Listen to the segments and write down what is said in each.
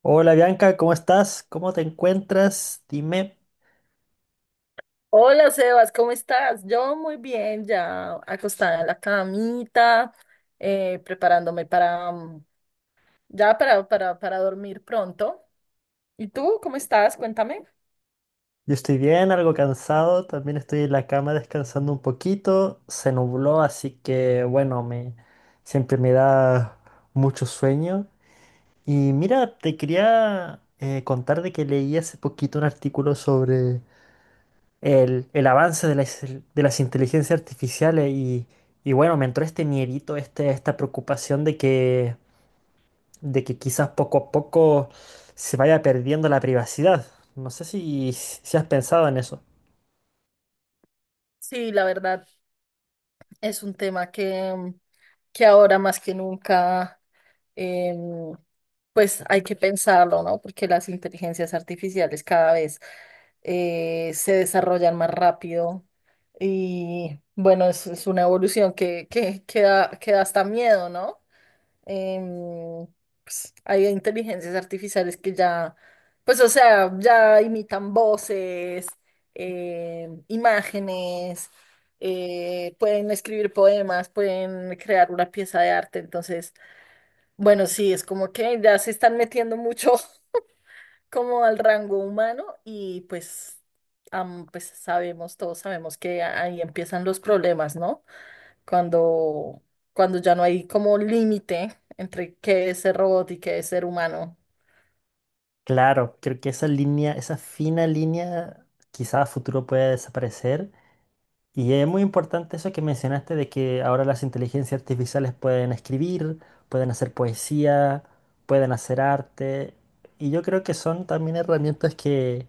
Hola Bianca, ¿cómo estás? ¿Cómo te encuentras? Dime. Hola Sebas, ¿cómo estás? Yo muy bien, ya acostada en la camita, preparándome para ya para dormir pronto. ¿Y tú cómo estás? Cuéntame. Yo estoy bien, algo cansado, también estoy en la cama descansando un poquito. Se nubló, así que bueno, me siempre me da mucho sueño. Y mira, te quería contar de que leí hace poquito un artículo sobre el avance de las inteligencias artificiales y bueno, me entró este miedito, este, esta preocupación de que quizás poco a poco se vaya perdiendo la privacidad. No sé si has pensado en eso. Sí, la verdad es un tema que que ahora más que nunca em, pues hay que pensarlo, ¿no? Porque las inteligencias artificiales cada vez se desarrollan más rápido y bueno, es una evolución que da hasta miedo, ¿no? Em, pues, hay inteligencias artificiales que ya, pues o sea, ya imitan voces, imágenes, pueden escribir poemas, pueden crear una pieza de arte, entonces... Bueno, sí, es como que ya se están metiendo mucho como al rango humano y pues sabemos, todos sabemos que ahí empiezan los problemas, ¿no? Cuando, cuando ya no hay como límite entre qué es ser robot y qué es ser humano. Claro, creo que esa línea, esa fina línea, quizás a futuro pueda desaparecer. Y es muy importante eso que mencionaste de que ahora las inteligencias artificiales pueden escribir, pueden hacer poesía, pueden hacer arte. Y yo creo que son también herramientas que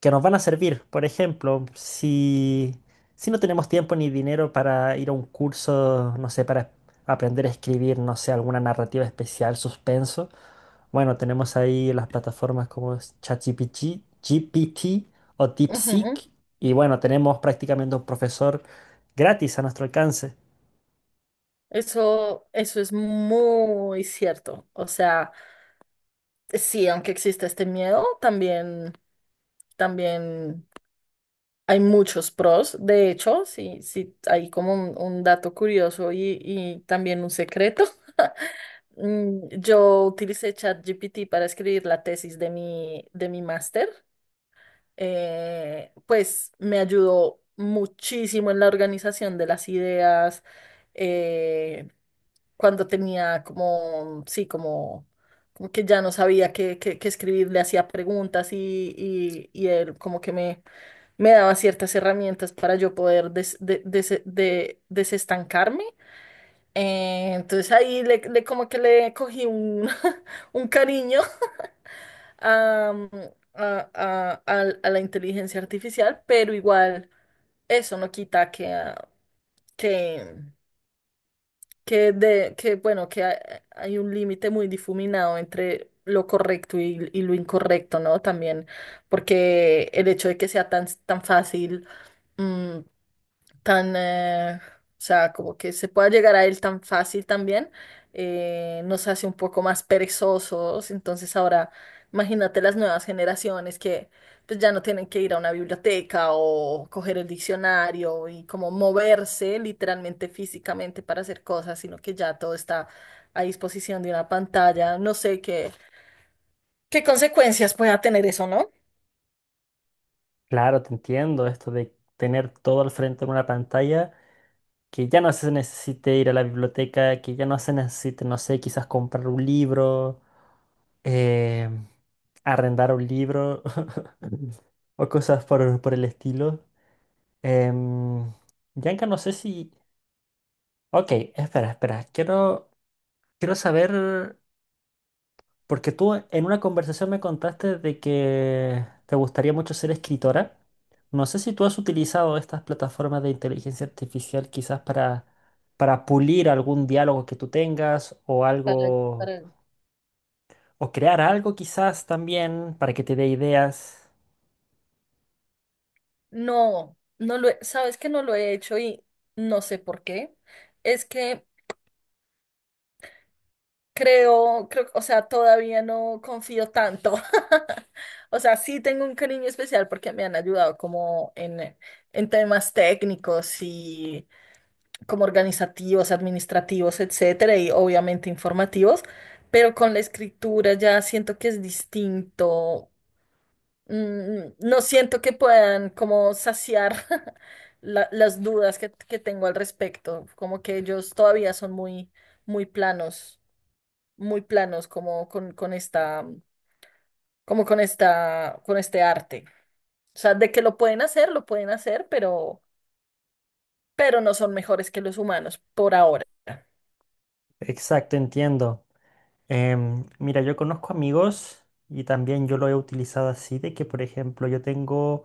que nos van a servir. Por ejemplo, si no tenemos tiempo ni dinero para ir a un curso, no sé, para aprender a escribir, no sé, alguna narrativa especial, suspenso, bueno, tenemos ahí las plataformas como es ChatGPT, GPT o Ujú. DeepSeek, y bueno, tenemos prácticamente un profesor gratis a nuestro alcance. Eso es muy cierto. O sea, sí, aunque existe este miedo, también, también. Hay muchos pros, de hecho, sí, sí, hay como un dato curioso y también un secreto. Yo utilicé ChatGPT para escribir la tesis de de mi máster. Pues me ayudó muchísimo en la organización de las ideas. eh, Cuando tenía como, sí, como, como que ya no sabía qué escribir, le hacía preguntas y él como que me daba ciertas herramientas para yo poder desestancarme. Entonces ahí como que le cogí un, un cariño a, a la inteligencia artificial, pero igual eso no quita que que, que bueno, que hay un límite muy difuminado entre lo correcto y lo incorrecto, ¿no? También, porque el hecho de que sea tan fácil. mm, Tan, o sea, como que se pueda llegar a él tan fácil también, nos hace un poco más perezosos. Entonces ahora, imagínate las nuevas generaciones que pues ya no tienen que ir a una biblioteca o coger el diccionario y como moverse literalmente físicamente para hacer cosas, sino que ya todo está a disposición de una pantalla. No sé qué consecuencias pueda tener eso, ¿no? Claro, te entiendo, esto de tener todo al frente en una pantalla, que ya no se necesite ir a la biblioteca, que ya no se necesite, no sé, quizás comprar un libro eh, arrendar un libro o cosas por el estilo. Em, Bianca, no sé si... Ok, espera. Quiero saber, porque tú en una conversación me contaste de que te gustaría mucho ser escritora. No sé si tú has utilizado estas plataformas de inteligencia artificial quizás para pulir algún diálogo que tú tengas o Para, algo, para- o crear algo quizás también para que te dé ideas. No, sabes que no lo he hecho y no sé por qué. Es que creo, o sea, todavía no confío tanto. O sea, sí tengo un cariño especial porque me han ayudado como en temas técnicos y como organizativos, administrativos, etcétera, y obviamente informativos, pero con la escritura ya siento que es distinto. No siento que puedan como saciar las dudas que tengo al respecto, como que ellos todavía son muy, muy planos, muy planos como con esta, como con esta, con este arte. O sea, de que lo pueden hacer, pero no son mejores que los humanos por ahora. Exacto, entiendo. Mira, yo conozco amigos y también yo lo he utilizado así, de que por ejemplo yo tengo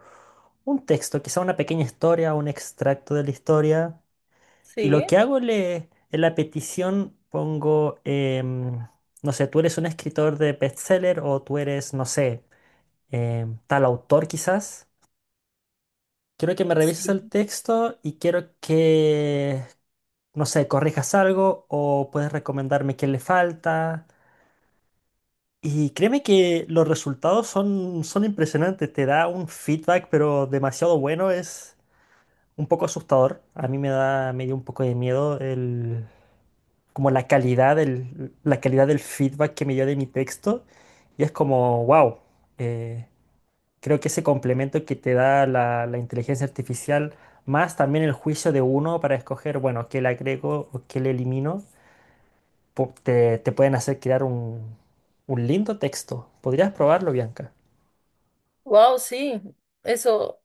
un texto, quizá una pequeña historia, un extracto de la historia, y Sí. lo que hago le, en la petición pongo, no sé, tú eres un escritor de bestseller o tú eres, no sé, tal autor quizás. Quiero que me revises el Sí. texto y quiero que, no sé, corrijas algo o puedes recomendarme qué le falta. Y créeme que los resultados son impresionantes, te da un feedback pero demasiado bueno, es un poco asustador. A mí me dio un poco de miedo el, como la calidad la calidad del feedback que me dio de mi texto. Y es como, wow, creo que ese complemento que te da la inteligencia artificial, más también el juicio de uno para escoger, bueno, qué le agrego o qué le elimino, te pueden hacer crear un lindo texto. ¿Podrías probarlo, Bianca? Wow, sí. Eso.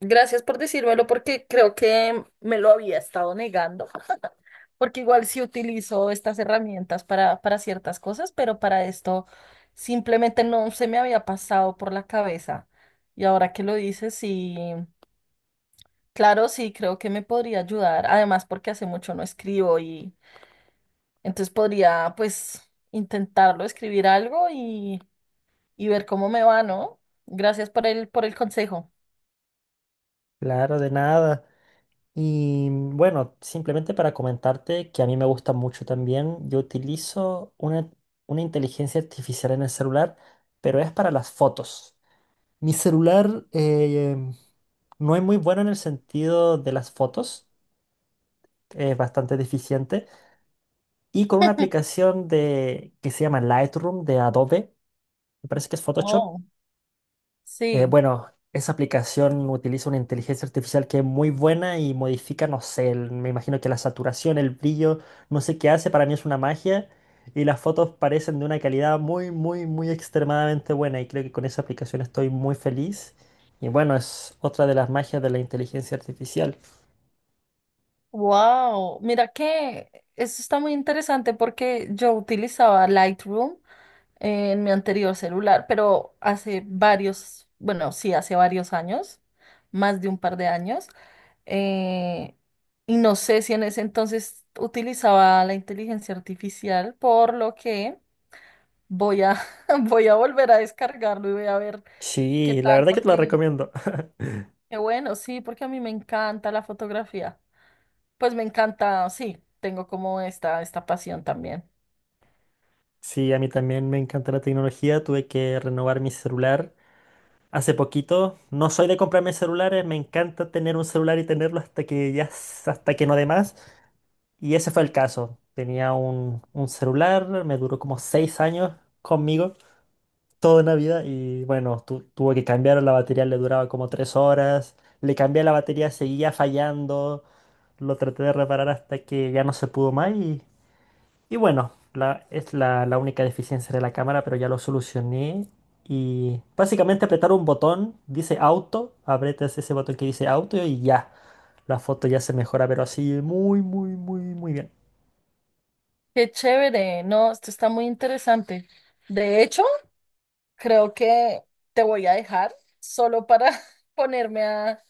Gracias por decírmelo porque creo que me lo había estado negando, porque igual sí utilizo estas herramientas para ciertas cosas, pero para esto simplemente no se me había pasado por la cabeza. Y ahora que lo dices, sí, claro, sí, creo que me podría ayudar, además porque hace mucho no escribo y entonces podría pues intentarlo, escribir algo y ver cómo me va, ¿no? Gracias por por el consejo. Claro, de nada. Y bueno, simplemente para comentarte que a mí me gusta mucho también, yo utilizo una inteligencia artificial en el celular, pero es para las fotos. Mi celular no es muy bueno en el sentido de las fotos, es bastante deficiente. Y con una aplicación que se llama Lightroom de Adobe, me parece que es Photoshop. Oh, sí. Bueno, esa aplicación utiliza una inteligencia artificial que es muy buena y modifica, no sé, me imagino que la saturación, el brillo, no sé qué hace, para mí es una magia y las fotos parecen de una calidad muy, muy, muy extremadamente buena y creo que con esa aplicación estoy muy feliz y bueno, es otra de las magias de la inteligencia artificial. Wow, mira que eso está muy interesante porque yo utilizaba Lightroom en mi anterior celular, pero hace varios, bueno, sí, hace varios años, más de un par de años, eh, y no sé si en ese entonces utilizaba la inteligencia artificial, por lo que voy a, voy a volver a descargarlo y voy a ver qué Sí, la tal, verdad que te la porque, recomiendo. qué bueno, sí, porque a mí me encanta la fotografía. Pues me encanta, sí, tengo como esta pasión también. Sí, a mí también me encanta la tecnología, tuve que renovar mi celular. Hace poquito, no soy de comprarme celulares, me encanta tener un celular y tenerlo hasta que ya, hasta que no dé más. Y ese fue el caso. Tenía un celular, me duró como 6 años conmigo, toda Navidad, y bueno, tuve que cambiar la batería, le duraba como 3 horas, le cambié la batería, seguía fallando, lo traté de reparar hasta que ya no se pudo más y bueno, la única deficiencia de la cámara, pero ya lo solucioné. Y básicamente apretar un botón, dice auto, aprietas ese botón que dice auto y ya, la foto ya se mejora, pero así muy, muy, muy, muy bien. Qué chévere, no, esto está muy interesante. De hecho, creo que te voy a dejar solo para ponerme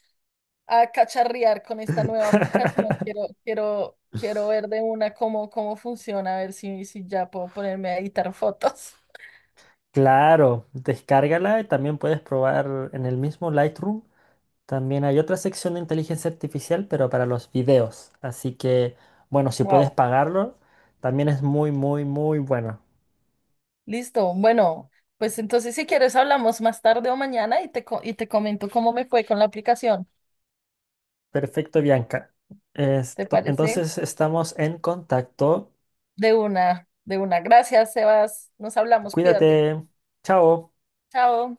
a cacharrear con esta nueva aplicación. Quiero, quiero, quiero ver de una cómo, cómo funciona, a ver si, si ya puedo ponerme a editar fotos. Claro, descárgala y también puedes probar en el mismo Lightroom. También hay otra sección de inteligencia artificial, pero para los videos. Así que, bueno, si puedes Wow, pagarlo, también es muy, muy, muy bueno. listo. Bueno, pues entonces si quieres hablamos más tarde o mañana y te, y te comento cómo me fue con la aplicación. Perfecto, Bianca. ¿Te parece? Entonces estamos en contacto. De una, de una. Gracias, Sebas. Nos hablamos, cuídate. Cuídate. Chao. Chao.